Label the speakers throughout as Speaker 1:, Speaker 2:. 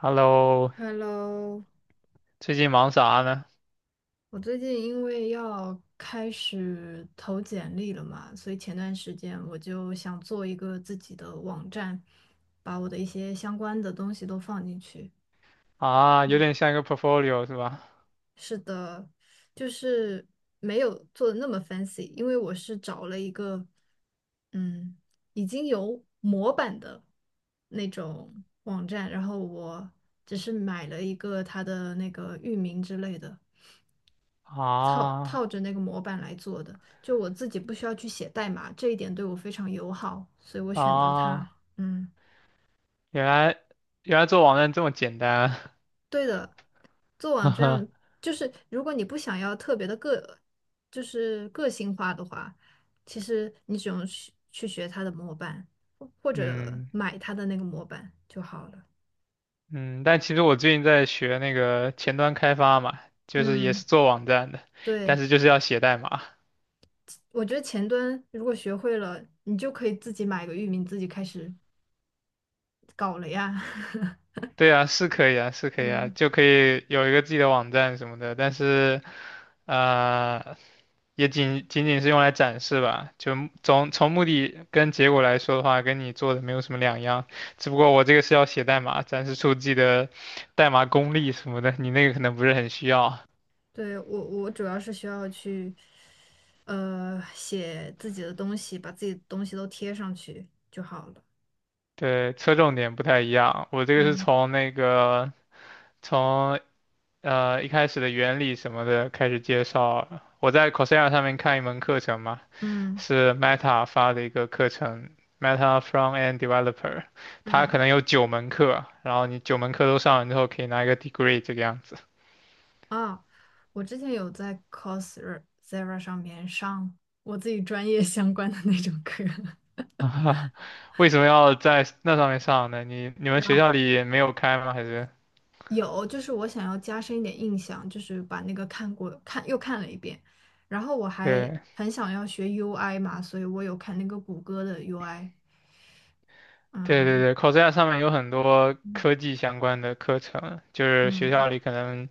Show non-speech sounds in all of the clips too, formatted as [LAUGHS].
Speaker 1: Hello，
Speaker 2: Hello,
Speaker 1: 最近忙啥呢？
Speaker 2: 我最近因为要开始投简历了嘛，所以前段时间我就想做一个自己的网站，把我的一些相关的东西都放进去。
Speaker 1: 啊，有
Speaker 2: 嗯，
Speaker 1: 点像一个 portfolio 是吧？
Speaker 2: 是的，就是没有做的那么 fancy，因为我是找了一个嗯已经有模板的那种网站，然后我只是买了一个它的那个域名之类的。套
Speaker 1: 啊
Speaker 2: 套着那个模板来做的，就我自己不需要去写代码，这一点对我非常友好，所以我选择了
Speaker 1: 啊，
Speaker 2: 它。嗯，
Speaker 1: 原来原来做网站这么简单啊
Speaker 2: 对的，做
Speaker 1: [LAUGHS] 哈
Speaker 2: 网站
Speaker 1: 哈，
Speaker 2: 就是如果你不想要特别的个，就是个性化的话，其实你只用去学它的模板，或或
Speaker 1: [LAUGHS]
Speaker 2: 者
Speaker 1: 嗯
Speaker 2: 买它的那个模板就好了。
Speaker 1: 嗯，但其实我最近在学那个前端开发嘛，就是也
Speaker 2: 嗯，
Speaker 1: 是做网站的，但
Speaker 2: 对，
Speaker 1: 是就是要写代码。
Speaker 2: 我觉得前端如果学会了，你就可以自己买个域名，自己开始搞了呀。[LAUGHS]
Speaker 1: 对啊，是可以啊，是可以啊，
Speaker 2: 嗯。
Speaker 1: 就可以有一个自己的网站什么的，但是，呃，也仅仅是用来展示吧，就从目的跟结果来说的话，跟你做的没有什么两样，只不过我这个是要写代码，展示出自己的代码功力什么的，你那个可能不是很需要。
Speaker 2: 对，我主要是需要去，写自己的东西，把自己的东西都贴上去就好了。
Speaker 1: 对，侧重点不太一样，我这个是
Speaker 2: 嗯
Speaker 1: 从从一开始的原理什么的开始介绍，我在 Coursera 上面看一门课程嘛，
Speaker 2: 嗯
Speaker 1: 是 Meta 发的一个课程，Meta f r o m a n d Developer,它可
Speaker 2: 嗯，
Speaker 1: 能有九门课，然后你九门课都上完之后，可以拿一个 degree 这个样子。
Speaker 2: 啊，我之前有在 Coursera 上面上我自己专业相关的那种课，
Speaker 1: [LAUGHS] 为什么要在那上面上呢？你你
Speaker 2: [LAUGHS]
Speaker 1: 们
Speaker 2: 然
Speaker 1: 学
Speaker 2: 后
Speaker 1: 校里没有开吗？还是？
Speaker 2: 有就是我想要加深一点印象，就是把那个看又看了一遍，然后我还
Speaker 1: 对
Speaker 2: 很想要学 UI 嘛，所以我有看那个谷歌的 UI，
Speaker 1: 对对
Speaker 2: 嗯
Speaker 1: 对，Coursera 上面有很多
Speaker 2: 嗯。
Speaker 1: 科技相关的课程，就是学
Speaker 2: 嗯
Speaker 1: 校里可能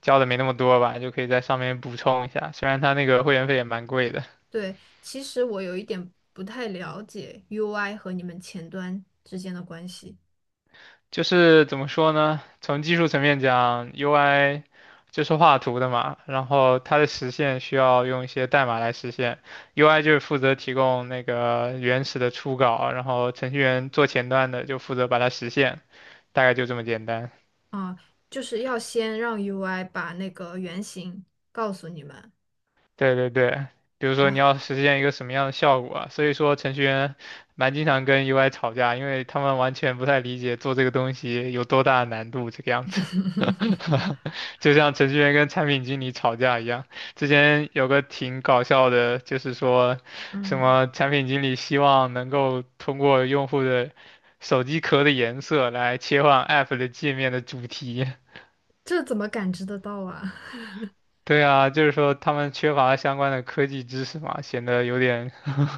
Speaker 1: 教的没那么多吧，就可以在上面补充一下。虽然它那个会员费也蛮贵的。
Speaker 2: 对，其实我有一点不太了解 UI 和你们前端之间的关系
Speaker 1: 就是怎么说呢？从技术层面讲，UI 就是画图的嘛，然后它的实现需要用一些代码来实现，UI 就是负责提供那个原始的初稿，然后程序员做前端的就负责把它实现，大概就这么简单。
Speaker 2: 啊，就是要先让 UI 把那个原型告诉你们
Speaker 1: 对对对，比如说你
Speaker 2: 啊
Speaker 1: 要实现一个什么样的效果啊？所以说程序员蛮经常跟 UI 吵架，因为他们完全不太理解做这个东西有多大的难度这个样子。
Speaker 2: [LAUGHS]，
Speaker 1: [LAUGHS] 就像程序员跟产品经理吵架一样，之前有个挺搞笑的，就是说什
Speaker 2: 嗯，
Speaker 1: 么产品经理希望能够通过用户的手机壳的颜色来切换 App 的界面的主题，
Speaker 2: 这怎么感知得到啊？[LAUGHS]
Speaker 1: 对啊，就是说他们缺乏相关的科技知识嘛，显得有点 [LAUGHS]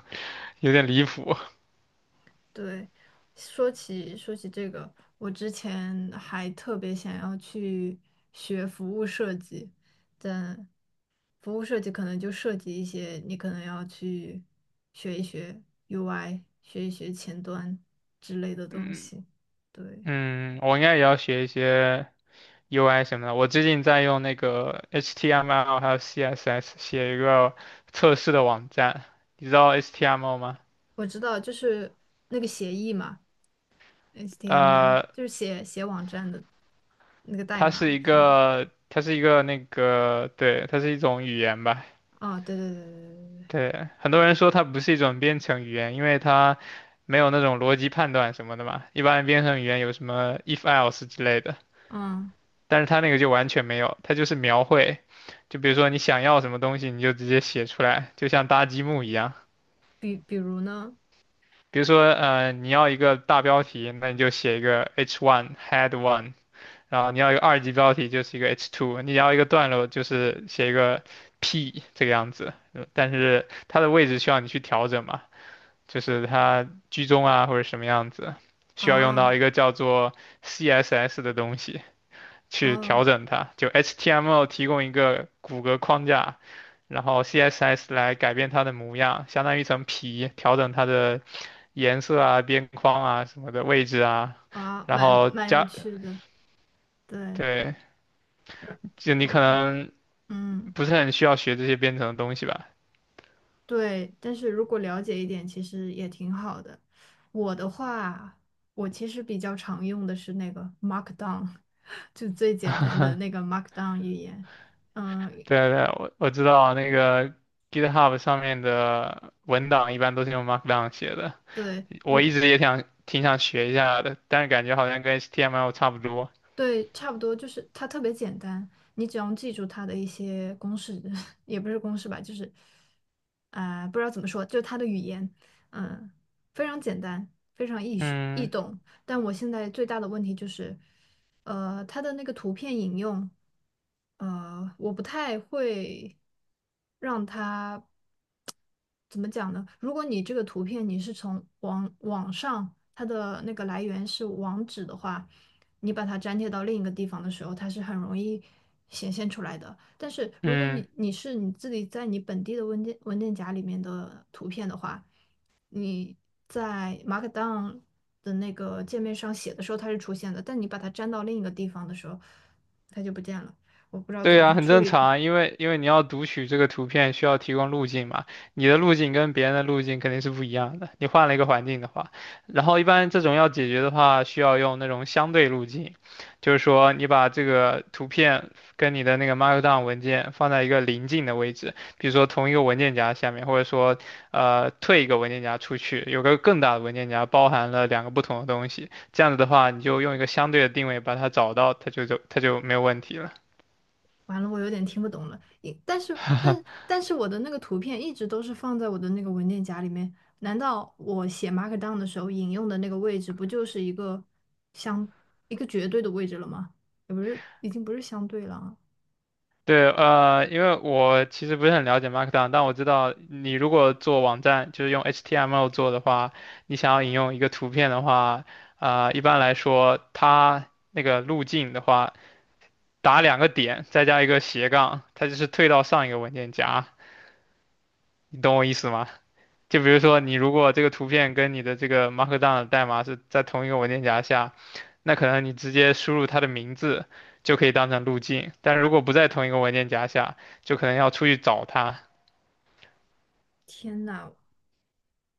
Speaker 1: 有点离谱。
Speaker 2: 对，说起这个，我之前还特别想要去学服务设计，但服务设计可能就涉及一些你可能要去学一学 UI，学一学前端之类的东
Speaker 1: 嗯
Speaker 2: 西。对，
Speaker 1: 嗯，我应该也要学一些 UI 什么的。我最近在用那个 HTML 还有 CSS 写一个测试的网站，你知道 HTML 吗？
Speaker 2: 我知道，就是那个协议嘛，HTML，
Speaker 1: 呃，
Speaker 2: 就是写网站的那个代
Speaker 1: 它是
Speaker 2: 码
Speaker 1: 一
Speaker 2: 什么的。
Speaker 1: 个它是一个那个对，它是一种语言吧，
Speaker 2: 啊，对对对对对对，对，
Speaker 1: 对，很多人说它不是一种编程语言，因为它没有那种逻辑判断什么的嘛。一般编程语言有什么 if else 之类的，
Speaker 2: 嗯，
Speaker 1: 但是它那个就完全没有，它就是描绘。就比如说你想要什么东西，你就直接写出来，就像搭积木一样。
Speaker 2: 比如呢，
Speaker 1: 比如说，你要一个大标题，那你就写一个 h one head one,然后你要一个二级标题就是一个 h two,你要一个段落就是写一个 p 这个样子，但是它的位置需要你去调整嘛。就是它居中啊或者什么样子，需要用到
Speaker 2: 啊
Speaker 1: 一个叫做 CSS 的东西去调
Speaker 2: 哦
Speaker 1: 整它。就 HTML 提供一个骨骼框架，然后 CSS 来改变它的模样，相当于一层皮，调整它的颜色啊、边框啊什么的位置啊。
Speaker 2: 啊，
Speaker 1: 然
Speaker 2: 蛮
Speaker 1: 后
Speaker 2: 蛮有
Speaker 1: 加，
Speaker 2: 趣的，对，
Speaker 1: 对，
Speaker 2: [LAUGHS] 是
Speaker 1: 就你
Speaker 2: 我
Speaker 1: 可能
Speaker 2: 嗯。
Speaker 1: 不是很需要学这些编程的东西吧？
Speaker 2: 对，但是如果了解一点，其实也挺好的。我的话，我其实比较常用的是那个 Markdown,[LAUGHS] 就最简单的那个 Markdown 语言。嗯，
Speaker 1: 对对，我知道那个 GitHub 上面的文档一般都是用 Markdown 写的。
Speaker 2: 对，因
Speaker 1: 我一
Speaker 2: 为。
Speaker 1: 直也挺想学一下的，但是感觉好像跟 HTML 差不多。
Speaker 2: 对，差不多就是它特别简单，你只要记住它的一些公式，[LAUGHS] 也不是公式吧，就是啊、不知道怎么说，就是它的语言，嗯，非常简单，非常易学易
Speaker 1: 嗯
Speaker 2: 懂。但我现在最大的问题就是，它的那个图片引用，我不太会让它怎么讲呢？如果你这个图片你是从网上，它的那个来源是网址的话，你把它粘贴到另一个地方的时候，它是很容易显现出来的。但是如果
Speaker 1: 嗯。
Speaker 2: 你是你自己在你本地的文件夹里面的图片的话，你在 Markdown 的那个界面上写的时候它是出现的，但你把它粘到另一个地方的时候，它就不见了。我不知道
Speaker 1: 对
Speaker 2: 怎么
Speaker 1: 呀，
Speaker 2: 去
Speaker 1: 很
Speaker 2: 处
Speaker 1: 正
Speaker 2: 理
Speaker 1: 常啊，因为你要读取这个图片，需要提供路径嘛，你的路径跟别人的路径肯定是不一样的。你换了一个环境的话，然后一般这种要解决的话，需要用那种相对路径，就是说你把这个图片跟你的那个 Markdown 文件放在一个邻近的位置，比如说同一个文件夹下面，或者说退一个文件夹出去，有个更大的文件夹包含了两个不同的东西，这样子的话，你就用一个相对的定位把它找到，它就没有问题了。
Speaker 2: 完了，我有点听不懂了。一但是，但
Speaker 1: [LAUGHS]
Speaker 2: 但是我的那个图片一直都是放在我的那个文件夹里面。难道我写 Markdown 的时候引用的那个位置，不就是一个相一个绝对的位置了吗？也不是，已经不是相对了啊。
Speaker 1: 对，因为我其实不是很了解 Markdown,但我知道你如果做网站，就是用 HTML 做的话，你想要引用一个图片的话，一般来说，它那个路径的话，打两个点，再加一个斜杠，它就是退到上一个文件夹，你懂我意思吗？就比如说，你如果这个图片跟你的这个 Markdown 的代码是在同一个文件夹下，那可能你直接输入它的名字就可以当成路径，但如果不在同一个文件夹下，就可能要出去找它。
Speaker 2: 天呐，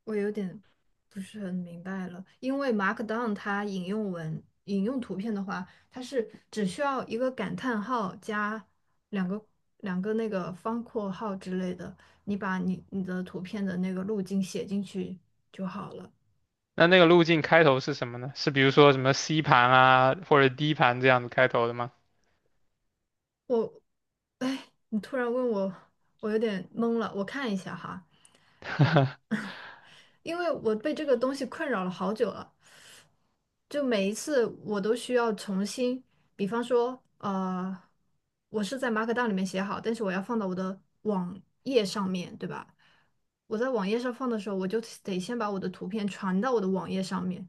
Speaker 2: 我有点不是很明白了，因为 Markdown 它引用图片的话，它是只需要一个感叹号加两个两个那个方括号之类的，你把你的图片的那个路径写进去就好了。
Speaker 1: 那个路径开头是什么呢？是比如说什么 C 盘啊，或者 D 盘这样子开头的吗？
Speaker 2: 我，哎，你突然问我，我有点懵了。我看一下哈，
Speaker 1: [LAUGHS]
Speaker 2: 因为我被这个东西困扰了好久了，就每一次我都需要重新，比方说，我是在马可 k 里面写好，但是我要放到我的网页上面，对吧？我在网页上放的时候，我就得先把我的图片传到我的网页上面，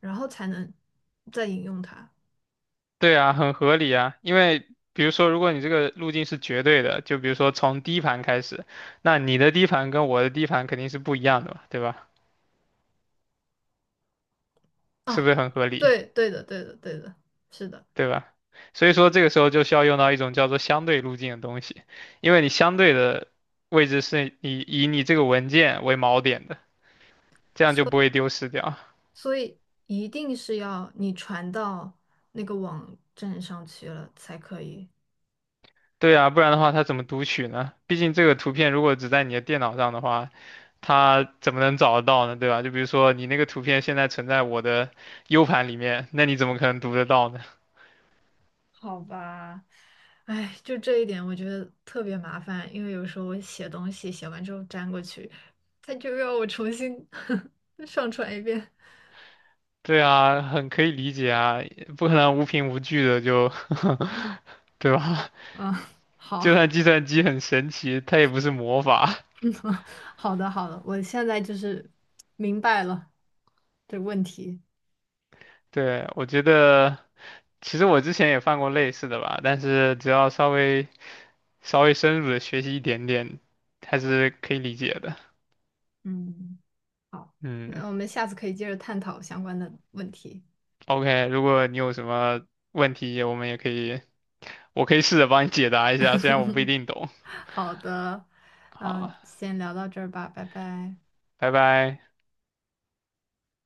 Speaker 2: 然后才能再引用它。
Speaker 1: 对啊，很合理啊，因为比如说，如果你这个路径是绝对的，就比如说从 D 盘开始，那你的 D 盘跟我的 D 盘肯定是不一样的嘛，对吧？是不
Speaker 2: 啊，
Speaker 1: 是很合理？
Speaker 2: 对，对的，对的，对的，是的，
Speaker 1: 对吧？所以说这个时候就需要用到一种叫做相对路径的东西，因为你相对的位置是以你这个文件为锚点的，这样就不会丢失掉。
Speaker 2: 所以一定是要你传到那个网站上去了才可以。
Speaker 1: 对啊，不然的话它怎么读取呢？毕竟这个图片如果只在你的电脑上的话，它怎么能找得到呢？对吧？就比如说你那个图片现在存在我的 U 盘里面，那你怎么可能读得到呢？
Speaker 2: 好吧，哎，就这一点我觉得特别麻烦，因为有时候我写东西写完之后粘过去，他就要我重新 [LAUGHS] 上传一遍。
Speaker 1: 对啊，很可以理解啊，不可能无凭无据的就，[LAUGHS] 对吧？
Speaker 2: 嗯，
Speaker 1: 就
Speaker 2: 好，
Speaker 1: 算计算机很神奇，它也不是魔法。
Speaker 2: [LAUGHS] 嗯，好的，好的，我现在就是明白了这问题。
Speaker 1: [LAUGHS] 对，我觉得，其实我之前也犯过类似的吧，但是只要稍微深入的学习一点点，还是可以理解的。
Speaker 2: 嗯，好，
Speaker 1: 嗯
Speaker 2: 那我们下次可以接着探讨相关的问题。
Speaker 1: ，OK,如果你有什么问题，我们也可以，我可以试着帮你解答一下，虽然我不一定懂。
Speaker 2: 好的，嗯，
Speaker 1: 好，
Speaker 2: 先聊到这儿吧，拜拜。
Speaker 1: 拜拜。